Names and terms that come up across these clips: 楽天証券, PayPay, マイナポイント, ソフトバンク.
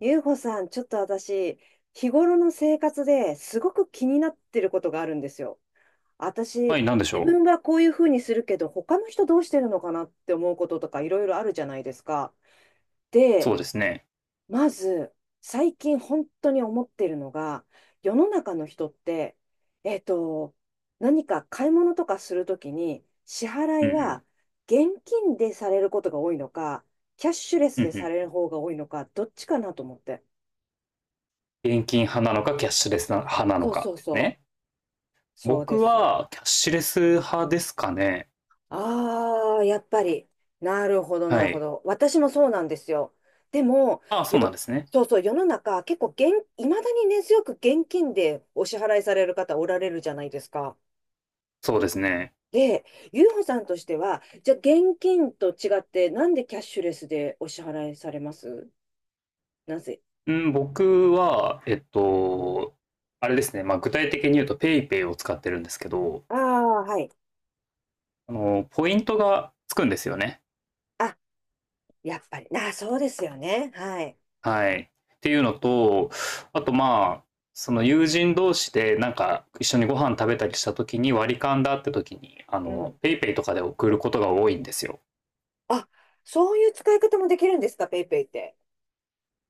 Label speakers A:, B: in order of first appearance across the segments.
A: ゆうほさん、ちょっと私、日頃の生活ですごく気になってることがあるんですよ。
B: は
A: 私、
B: い、なんでし
A: 自
B: ょ
A: 分はこういうふうにするけど、他の人どうしてるのかなって思うこととかいろいろあるじゃないですか。
B: う。そ
A: で、
B: うですね。
A: まず、最近本当に思ってるのが、世の中の人って、えっと、何か買い物とかするときに、支払
B: う。
A: い
B: んうん。
A: は現金でされることが多いのか、キャッシュレ
B: う
A: ス
B: んう
A: でさ
B: ん。
A: れる方が多いのか、どっちかなと思って。
B: 現金派なのか、キャッシュレス派なの
A: そうそ
B: か
A: う
B: です
A: そ
B: ね。
A: う。そうで
B: 僕
A: す。
B: は、キャッシュレス派ですかね。
A: ああ、やっぱり。なるほど、な
B: は
A: るほ
B: い。
A: ど。私もそうなんですよ。でも、
B: ああ、そうなん
A: よ、
B: ですね。
A: そうそう、世の中、結構いまだに根強く現金でお支払いされる方おられるじゃないですか。
B: そうですね。
A: で、ゆうほさんとしては、じゃあ現金と違って、なんでキャッシュレスでお支払いされます？なぜ
B: うん、僕は、あれですね。まあ、具体的に言うと、ペイペイを使ってるんですけど、
A: ああ、はい。
B: ポイントがつくんですよね。
A: あ、やっぱり。あー、そうですよね。はい。
B: はい。っていうのと、あとまあ、その友人同士でなんか一緒にご飯食べたりした時に割り勘だって時に、
A: うん。
B: ペイペイとかで送ることが多いんですよ。
A: あ、そういう使い方もできるんですか、ペイペイって。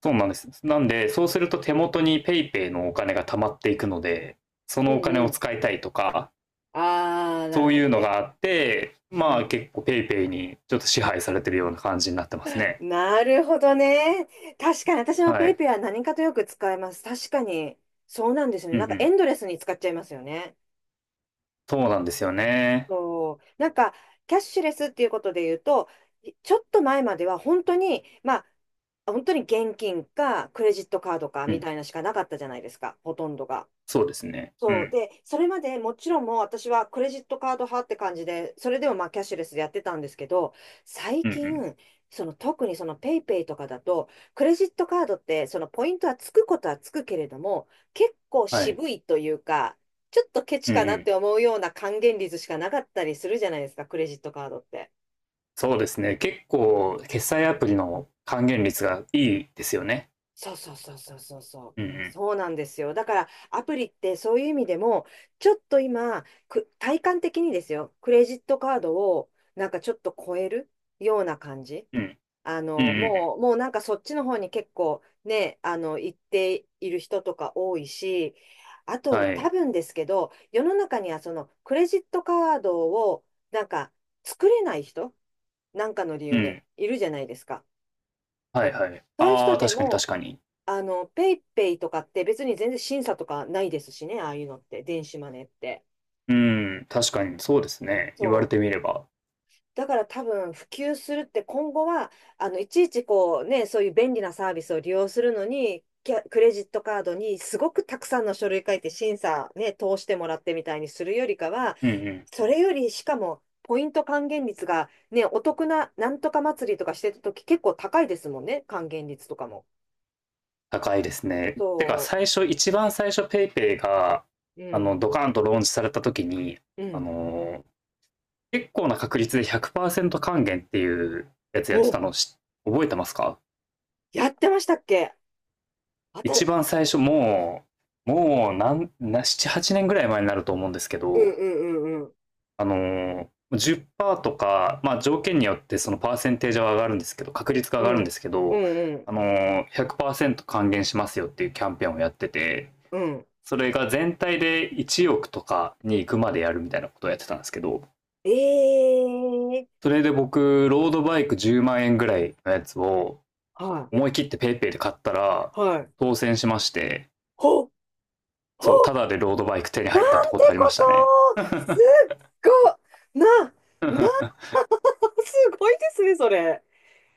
B: そうなんです。なんで、そうすると手元にペイペイのお金が溜まっていくので、そ
A: う
B: のお金を
A: ん、
B: 使いたいとか、
A: ああ、な
B: そ
A: る
B: う
A: ほ
B: いう
A: ど
B: の
A: ね。
B: があって、
A: う
B: まあ
A: ん。
B: 結構ペイペイにちょっと支配されてるような感じになってますね。
A: なるほどね。確かに私も
B: は
A: ペイ
B: い。
A: ペイは何かとよく使います。確かに。そうなんですよね。
B: うんう
A: なんかエ
B: ん。
A: ンドレスに使っちゃいますよね。
B: そうなんですよね。
A: そう。なんか、キャッシュレスっていうことで言うと、ちょっと前までは本当に、まあ、本当に現金かクレジットカードか
B: う
A: み
B: ん。
A: たいなしかなかったじゃないですか、ほとんどが。
B: そうですね。う
A: そう。
B: ん。
A: で、それまでもちろんもう私はクレジットカード派って感じで、それでもまあキャッシュレスでやってたんですけど、最
B: うんうん。
A: 近、その特にそのペイペイとかだと、クレジットカードってそのポイントはつくことはつくけれども、結構
B: はい。
A: 渋いというか、ちょっとケチ
B: うん
A: か
B: う
A: なっ
B: ん。
A: て思うような還元率しかなかったりするじゃないですか、クレジットカードって。
B: そうですね。結構、決済アプリの還元率がいいですよね。
A: そうそうそうそうそうそう。
B: うんう
A: そうなんですよ。だからアプリってそういう意味でも、ちょっと今、体感的にですよ、クレジットカードをなんかちょっと超えるような感じ。
B: ん。うん。
A: あ
B: うんうん
A: の、
B: う
A: もう、もうなんかそっちの方に結構ね、あの、行っている人とか多いし、あ
B: ん。
A: と
B: は
A: 多
B: い。
A: 分ですけど、世の中にはそのクレジットカードをなんか作れない人、なんかの理
B: う
A: 由で
B: ん。
A: いるじゃないですか。
B: はいはい。
A: そういう
B: あ
A: 人
B: あ、
A: で
B: 確かに
A: も、
B: 確かに。
A: あの、ペイペイとかって別に全然審査とかないですしね、ああいうのって、電子マネーって。
B: うん。確かに、そうですね。言われ
A: そう。
B: てみれば。
A: だから多分普及するって今後は、あの、いちいちこうね、そういう便利なサービスを利用するのに、キャクレジットカードにすごくたくさんの書類書いて審査ね、通してもらってみたいにするよりかは、
B: うんうん。
A: それよりしかも、ポイント還元率がね、お得ななんとか祭りとかしてた時結構高いですもんね、還元率とかも。
B: 高いですね。
A: そ
B: てか、最初、一番最初、ペイペイが、
A: う。うん。
B: ドカンとローンチされた時に、
A: う
B: あ
A: ん。
B: のー結構な確率で100%還元っていうやつやって
A: お、
B: たのし覚えてますか？
A: やってましたっけ？うん、
B: 一番最初、もう、もう、なんな、7、8年ぐらい前になると思うんですけ
A: うん
B: ど、
A: うんうん。
B: あの10%とか、まあ、条件によってそのパーセンテージは上がるんですけど、確率が
A: う
B: 上がるんで
A: ん。
B: すけ
A: う
B: ど、
A: ん
B: 100%還元しますよっていうキャンペーンをやってて、
A: うん。うん。
B: それが全体で1億とかに行くまでやるみたいなことをやってたんですけど、
A: ええー、
B: それで僕、ロードバイク10万円ぐらいのやつを
A: は
B: 思い切って PayPay で買ったら
A: い。はい。
B: 当選しまして、
A: ほ、ほ、
B: そう、ただでロードバイク手に
A: な
B: 入ったって
A: ん
B: こ
A: て
B: とありま
A: こ
B: し
A: と、
B: たね。
A: すっご、な、な、すごいですね、それ。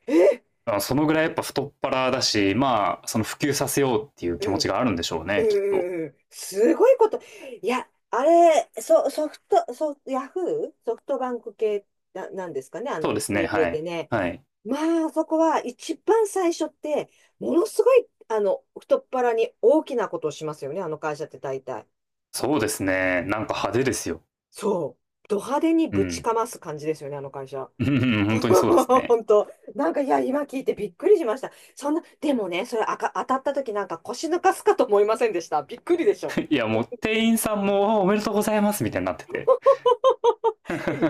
A: え、
B: そのぐらいやっぱ太っ腹だし、まあ、その普及させようっていう気
A: う
B: 持
A: ん。
B: ちがあるんでしょう
A: う
B: ね、
A: ん
B: きっと。
A: うんうん。すごいこと。いや、あれ、ソ、ソフト、ソ、ヤフーソフトバンク系な、なんですかね、あ
B: そう
A: の、
B: です
A: ペ
B: ね、
A: イペイ
B: は
A: って
B: い。
A: ね。
B: はい。
A: まあ、そこは一番最初って、ものすごい、あの、太っ腹に大きなことをしますよね、あの会社って大体。
B: そうですね、なんか派手ですよ。
A: そう。ド派手に
B: う
A: ぶち
B: ん。
A: かます感じですよね、あの会社。
B: うん、 本当にそうですね。
A: 本当。なんか、いや、今聞いてびっくりしました。そんな、でもね、それあか、当たった時なんか腰抜かすかと思いませんでした？びっくりでしょ。
B: いや、もう店員さんもおめでとうございますみたいになってて。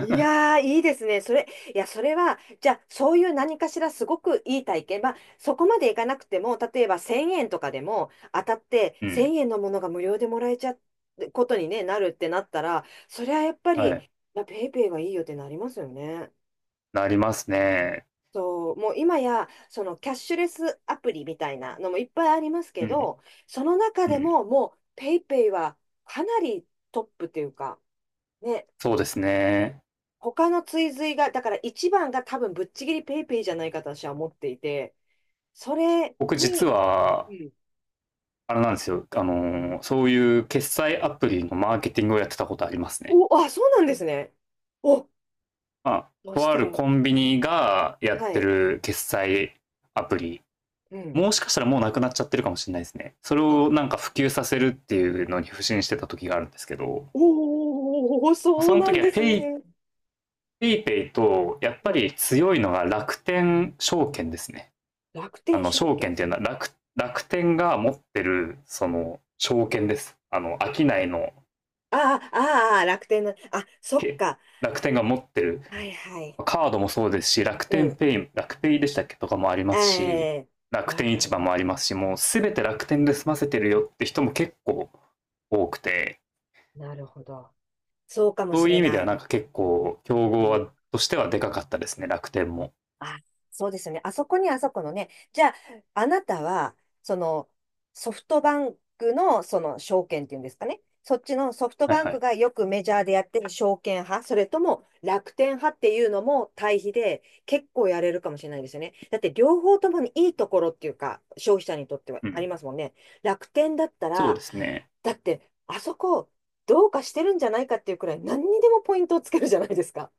A: い やー、いいですね。それ、いや、それは、じゃあ、そういう何かしらすごくいい体験。まあ、そこまでいかなくても、例えば1000円とかでも当たって
B: うん。
A: 1000円のものが無料でもらえちゃうことに、ね、なるってなったら、それはやっぱ
B: は
A: り、い
B: い。
A: や、ペイペイがいいよってなりますよね。
B: なりますね。
A: そう、もう今や、そのキャッシュレスアプリみたいなのもいっぱいありますけ
B: うん。
A: ど、その中
B: う
A: で
B: ん。
A: ももうペイペイはかなりトップというか、ね、
B: そうですね。
A: 他の追随が、だから一番が多分ぶっちぎりペイペイじゃないかと私は思っていて、それ
B: 僕実
A: に、う
B: は、
A: ん、
B: あれなんですよ。そういう決済アプリのマーケティングをやってたことありますね。
A: お、あ、そうなんですね。お、
B: まあ、
A: そし
B: とあ
A: た
B: る
A: ら、
B: コンビニがやっ
A: は
B: て
A: い、
B: る決済アプリ。
A: うん。
B: もしかしたらもうなくなっちゃってるかもしれないですね。それ
A: あ、
B: をなんか普及させるっていうのに不信してた時があるんですけど、
A: おー、
B: そ
A: そう
B: の
A: な
B: 時
A: ん
B: は
A: で
B: PayPay
A: す
B: ペイ
A: ね。
B: ペイペイと、やっ
A: う
B: ぱ
A: ん。
B: り強いのが楽天証券ですね。
A: 楽天証
B: 証券っ
A: 券。
B: ていうのは楽天が持ってる、その、証券です。商いの、
A: ああ、ああ、楽天の、あ、そっ
B: け
A: か。
B: 楽天が持ってる
A: はいはい。
B: カードもそうですし、楽
A: う
B: 天
A: ん。
B: ペイ、楽ペイでしたっけとかもあり
A: え
B: ますし、
A: え、
B: 楽
A: わ
B: 天
A: か
B: 市場も
A: る。
B: ありますし、もうすべて楽天で済ませてるよって人も結構多くて、
A: なるほど。そうかも
B: そ
A: し
B: ういう
A: れ
B: 意味で
A: な
B: はな
A: い。
B: んか結構、競
A: う
B: 合
A: ん、
B: はとしてはでかかったですね、楽天も。
A: あ、そうですよね。あそこにあそこのね。じゃあ、あなたは、その、ソフトバンクの、その、証券っていうんですかね。そっちのソフト
B: はい
A: バン
B: は
A: ク
B: い。
A: がよくメジャーでやってる証券派、それとも楽天派っていうのも対比で結構やれるかもしれないですよね。だって両方ともにいいところっていうか、消費者にとっては
B: う
A: あり
B: ん。
A: ますもんね。楽天だった
B: そう
A: ら、
B: ですね。
A: だってあそこどうかしてるんじゃないかっていうくらい何にでもポイントをつけるじゃないですか。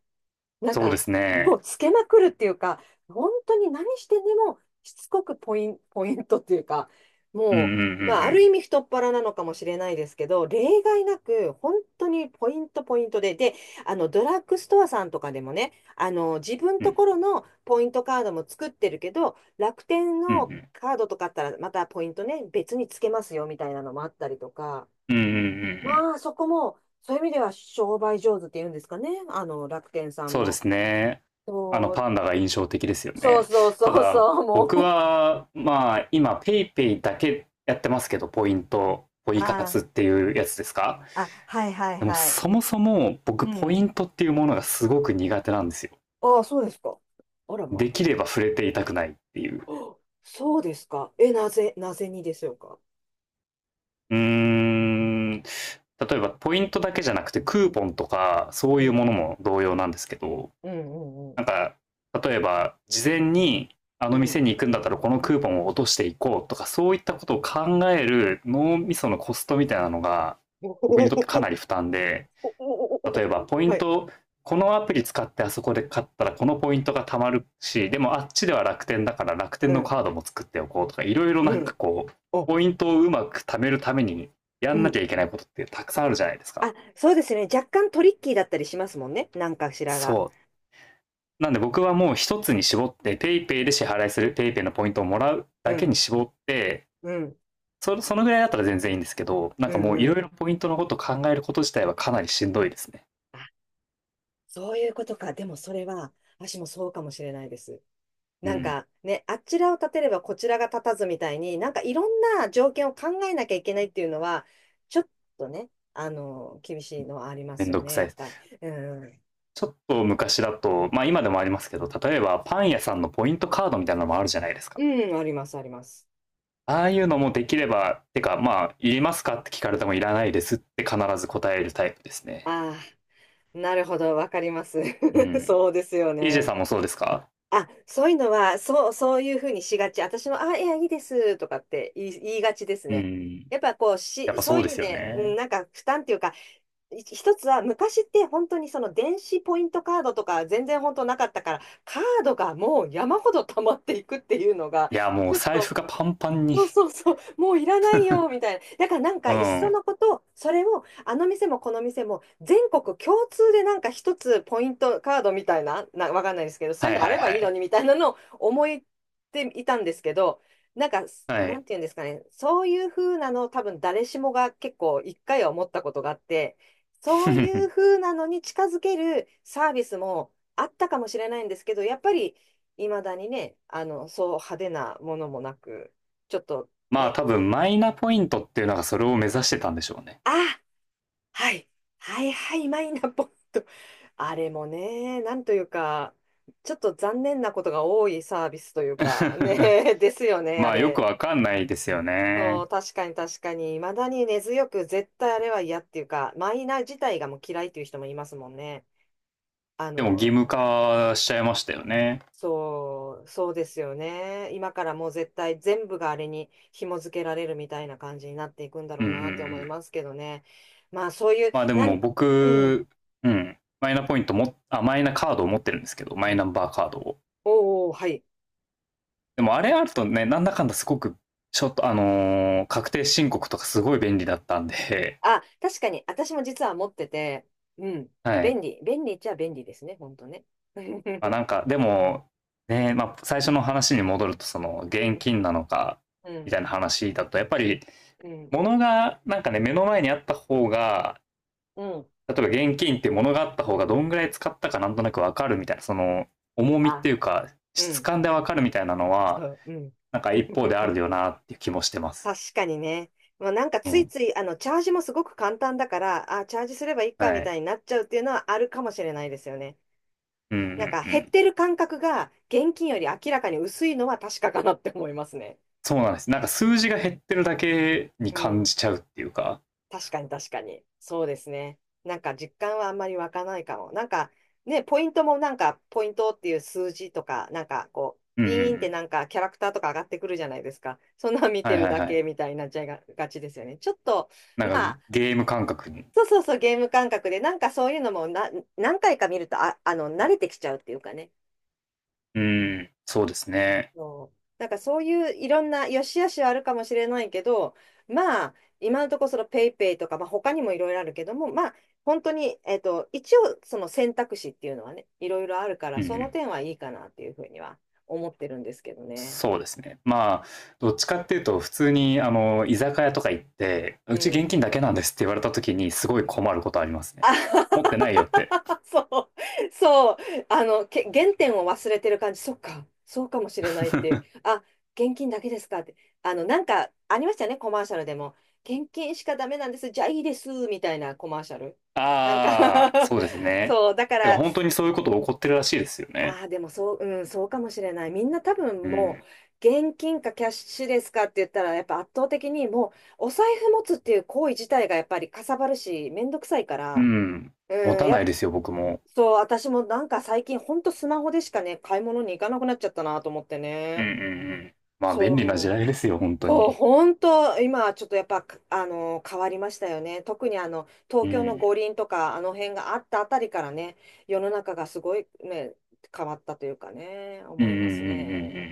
A: なん
B: そうで
A: か、
B: す
A: も
B: ね。
A: うつけまくるっていうか、本当に何してでもしつこくポイントっていうか、
B: うんう
A: も
B: んう
A: う、まあ、ある意
B: ん
A: 味太っ腹なのかもしれないですけど、例外なく、本当にポイント、ポイントで、あの、ドラッグストアさんとかでもね、あの、自分
B: う
A: と
B: ん。
A: ころのポイントカードも作ってるけど、楽天
B: うんうん
A: の
B: うん。
A: カードとかあったら、またポイントね、別につけますよ、みたいなのもあったりとか、
B: うんうんうんうん。
A: まあ、そこも、そういう意味では商売上手っていうんですかね、あの、楽天さん
B: そうで
A: も。
B: すね。
A: そう、
B: パンダが印象的ですよ
A: そう
B: ね。
A: そう
B: た
A: そう
B: だ、
A: そう、も
B: 僕
A: う。
B: は、まあ、今、ペイペイだけやってますけど、ポイ活
A: あ
B: っていうやつですか？
A: あ、あ、はいはい
B: でも、
A: はい。
B: そもそも僕、
A: う
B: ポイ
A: ん。
B: ントっていうものがすごく苦手なんですよ。
A: ああ、そうですか。あらまあ。
B: できれば触れていたくないっていう。
A: あ、そうですか。え、なぜ、なぜにでしょうか。
B: うーん、例えば、ポイントだけじゃなくて、クーポンとか、そ
A: う
B: ういう
A: ん。
B: ものも同様なんですけど、
A: うんうんうん。
B: なんか、例えば、事前に、あ
A: う
B: の店
A: ん。
B: に行くんだったらこのクーポンを落としていこうとか、そういったことを考える脳みそのコストみたいなのが、僕にとってかな
A: お
B: り負担で、
A: お、
B: 例えば、ポイ
A: は
B: ン
A: い。
B: ト、このアプリ使ってあそこで買ったらこのポイントが貯まるし、でもあっちでは楽天だから楽天
A: う
B: の
A: ん。
B: カードも作っておこうとか、いろいろ
A: う
B: なんか
A: ん。
B: こう、
A: お、
B: ポイントをうまく貯めるためにや
A: う
B: んな
A: ん。
B: きゃいけないことってたくさんあるじゃないですか。
A: あ、そうですね。若干トリッキーだったりしますもんね。なんかしらが。
B: そう。なんで僕はもう一つに絞って、PayPay で支払いする、PayPay のポイントをもらう
A: う
B: だけ
A: ん、
B: に絞って、
A: うん、
B: そのぐらいだったら全然いいんですけど、なん
A: う
B: か
A: ん、
B: もうい
A: う
B: ろい
A: ん。
B: ろポイントのことを考えること自体はかなりしんどいですね。
A: あ、そういうことか。でもそれは、私もそうかもしれないです。
B: う
A: なん
B: ん。
A: かね、あちらを立てればこちらが立たずみたいに、なんかいろんな条件を考えなきゃいけないっていうのは、ちょっとね、あの、厳しいのはありま
B: め
A: す
B: ん
A: よ
B: どく
A: ね、
B: さい
A: や
B: で
A: っ
B: す。
A: ぱり。うん、
B: ちょっと昔だと、まあ今でもありますけど、例えばパン屋さんのポイントカードみたいなのもあるじゃないですか。
A: うん、あります、あります。
B: ああいうのもできれば、てかまあ、いりますかって聞かれてもいらないですって必ず答えるタイプですね。
A: ああ、なるほど、わかります。
B: う ん。
A: そうですよ
B: EJ
A: ね。
B: さんもそうですか？
A: あ、そういうのは、そう、そういうふうにしがち。私も、あ、いや、いいですとかって言いがちです
B: う
A: ね。
B: ん。
A: やっぱこう
B: やっ
A: し、
B: ぱ
A: そ
B: そ
A: う
B: う
A: いう
B: で
A: 意味
B: すよ
A: で、うん、
B: ね。
A: なんか負担っていうか、一つは昔って本当にその電子ポイントカードとか全然本当なかったから、カードがもう山ほど溜まっていくっていうのが、
B: いや、もう
A: ちょっ
B: 財
A: と
B: 布がパンパンに。
A: そうそうそう、もういらないよ、みたいな。だからなん
B: う
A: か、
B: ん。
A: いっ
B: は
A: その
B: い
A: こと、それを、あの店もこの店も、全国共通でなんか一つポイントカードみたいな、わかんないですけど、そうい
B: は
A: う
B: い
A: のあ
B: は
A: ればいいの
B: い。
A: に、みたいなのを思っていたんですけど、なんか、
B: は
A: なん
B: い。
A: ていうんですかね、そういう風なの、多分誰しもが結構一回は思ったことがあって、そういう 風なのに近づけるサービスもあったかもしれないんですけど、やっぱり、いまだにね、あの、そう派手なものもなく、ちょっと
B: まあ
A: ね、
B: 多分マイナポイントっていうのがそれを目指してたんでしょうね。
A: あ、はい、はいはい、マイナポイント。あれもね、なんというか、ちょっと残念なことが多いサービスというか、ね、ですよね、
B: ま
A: あ
B: あよく
A: れ。
B: わかんないですよ
A: そう、
B: ね。
A: 確かに確かに、未だに根強く絶対あれは嫌っていうか、マイナ自体がもう嫌いっていう人もいますもんね。あ
B: でも義
A: の、
B: 務化しちゃいましたよね。
A: そう、そうですよね。今からもう絶対全部があれに紐付けられるみたいな感じになっていくんだ
B: う
A: ろ
B: ん
A: う
B: うん
A: なって思
B: う
A: い
B: ん。
A: ますけどね。まあそういう、
B: まあでも
A: うん、
B: 僕、うん。マイナポイントも、あ、マイナカードを持ってるんですけど、マイナンバーカードを。
A: おお、はい。
B: でもあれあるとね、なんだかんだすごく、ちょっと確定申告とかすごい便利だったんで、
A: あ、確かに、私も実は持ってて、うん、
B: はい。
A: 便利、便利っちゃ便利ですね、本当ね。う
B: まあなんかでもね、まあ、最初の話に戻るとその現金なのか
A: ん、う
B: み
A: ん、
B: たいな話だと、やっぱり
A: うん、
B: 物がなんかね、目の前にあった方が、
A: うん。
B: 例えば現金って物があった方がどんぐらい使ったかなんとなく分かるみたいな、その重みって
A: あ、
B: いうか
A: う
B: 質
A: ん、
B: 感で分かるみたいなの
A: そ
B: は、
A: う、うん。
B: なんか一方であ るよなっていう気もしてます。
A: 確かにね。まあ、なんか
B: う
A: つい
B: ん、
A: つい、あの、チャージもすごく簡単だから、あ、チャージすればいい
B: は
A: かみた
B: い、
A: いになっちゃうっていうのはあるかもしれないですよね。
B: うんうんう
A: なんか減っ
B: ん、
A: てる感覚が現金より明らかに薄いのは確かかなって思いますね。
B: そうなんです。なんか数字が減ってるだけに
A: う
B: 感
A: ん。
B: じちゃうっていうか、
A: 確かに確かに。そうですね。なんか実感はあんまり湧かないかも。なんかね、ポイントもなんかポイントっていう数字とか、なんかこう、
B: うん、う
A: ピーンって
B: ん、
A: なんかキャラクターとか上がってくるじゃないですか。そんなん見て
B: はい
A: る
B: はい
A: だ
B: はい。
A: けみたいになっちゃいがちですよね。ちょっと、
B: な
A: ま
B: ん
A: あ、
B: かゲーム感覚に、
A: そうそうそう、ゲーム感覚で、なんかそういうのも何回か見ると、あ、あの、慣れてきちゃうっていうかね。
B: うん、そうですね。
A: そう、なんかそういういろんな良し悪しはあるかもしれないけど、まあ、今のところそのペイペイとか、まあ、他にもいろいろあるけども、まあ、本当に、一応その選択肢っていうのはね、いろいろあるから、
B: う
A: その
B: ん、
A: 点はいいかなっていうふうには思ってるんですけどね。
B: そうですね。まあ、どっちかっていうと、普通に、居酒屋とか行って、う
A: う
B: ち現
A: ん。
B: 金だけなんですって言われた時に、すごい困ることありますね。持ってな
A: あ、
B: いよって。
A: そう、そう、あの、原点を忘れてる感じ、そっか、そうかもしれないっていう、あ、現金だけですかって、あの、なんかありましたよね、コマーシャルでも、現金しかダメなんです、じゃあいいです、みたいなコマーシャル。なんか、
B: ああ、そうです ね。
A: そう、だか
B: てか、
A: ら、
B: ほんにそういうこと起こってるらしいですよね。
A: ああでもそう、うん、そうかもしれない。みんな多
B: う
A: 分も
B: ん。
A: う、現金かキャッシュですかって言ったら、やっぱ圧倒的にもう、お財布持つっていう行為自体がやっぱりかさばるし、めんどくさいか
B: う
A: ら、
B: ん。持
A: うん、
B: たないですよ、僕も。
A: そう、私もなんか最近ほんとスマホでしかね、買い物に行かなくなっちゃったなと思って
B: うんう
A: ね。
B: んうん。まあ、便利な時
A: そう。
B: 代ですよ、本当
A: そう、
B: に。
A: ほんと、今ちょっとやっぱ、あの、変わりましたよね。特にあの、東
B: う
A: 京の
B: ん。
A: 五輪とか、あの辺があったあたりからね、世の中がすごいね、変わったというかね、
B: う
A: 思
B: んうん
A: い
B: うん
A: ます
B: うんう
A: ね。
B: ん。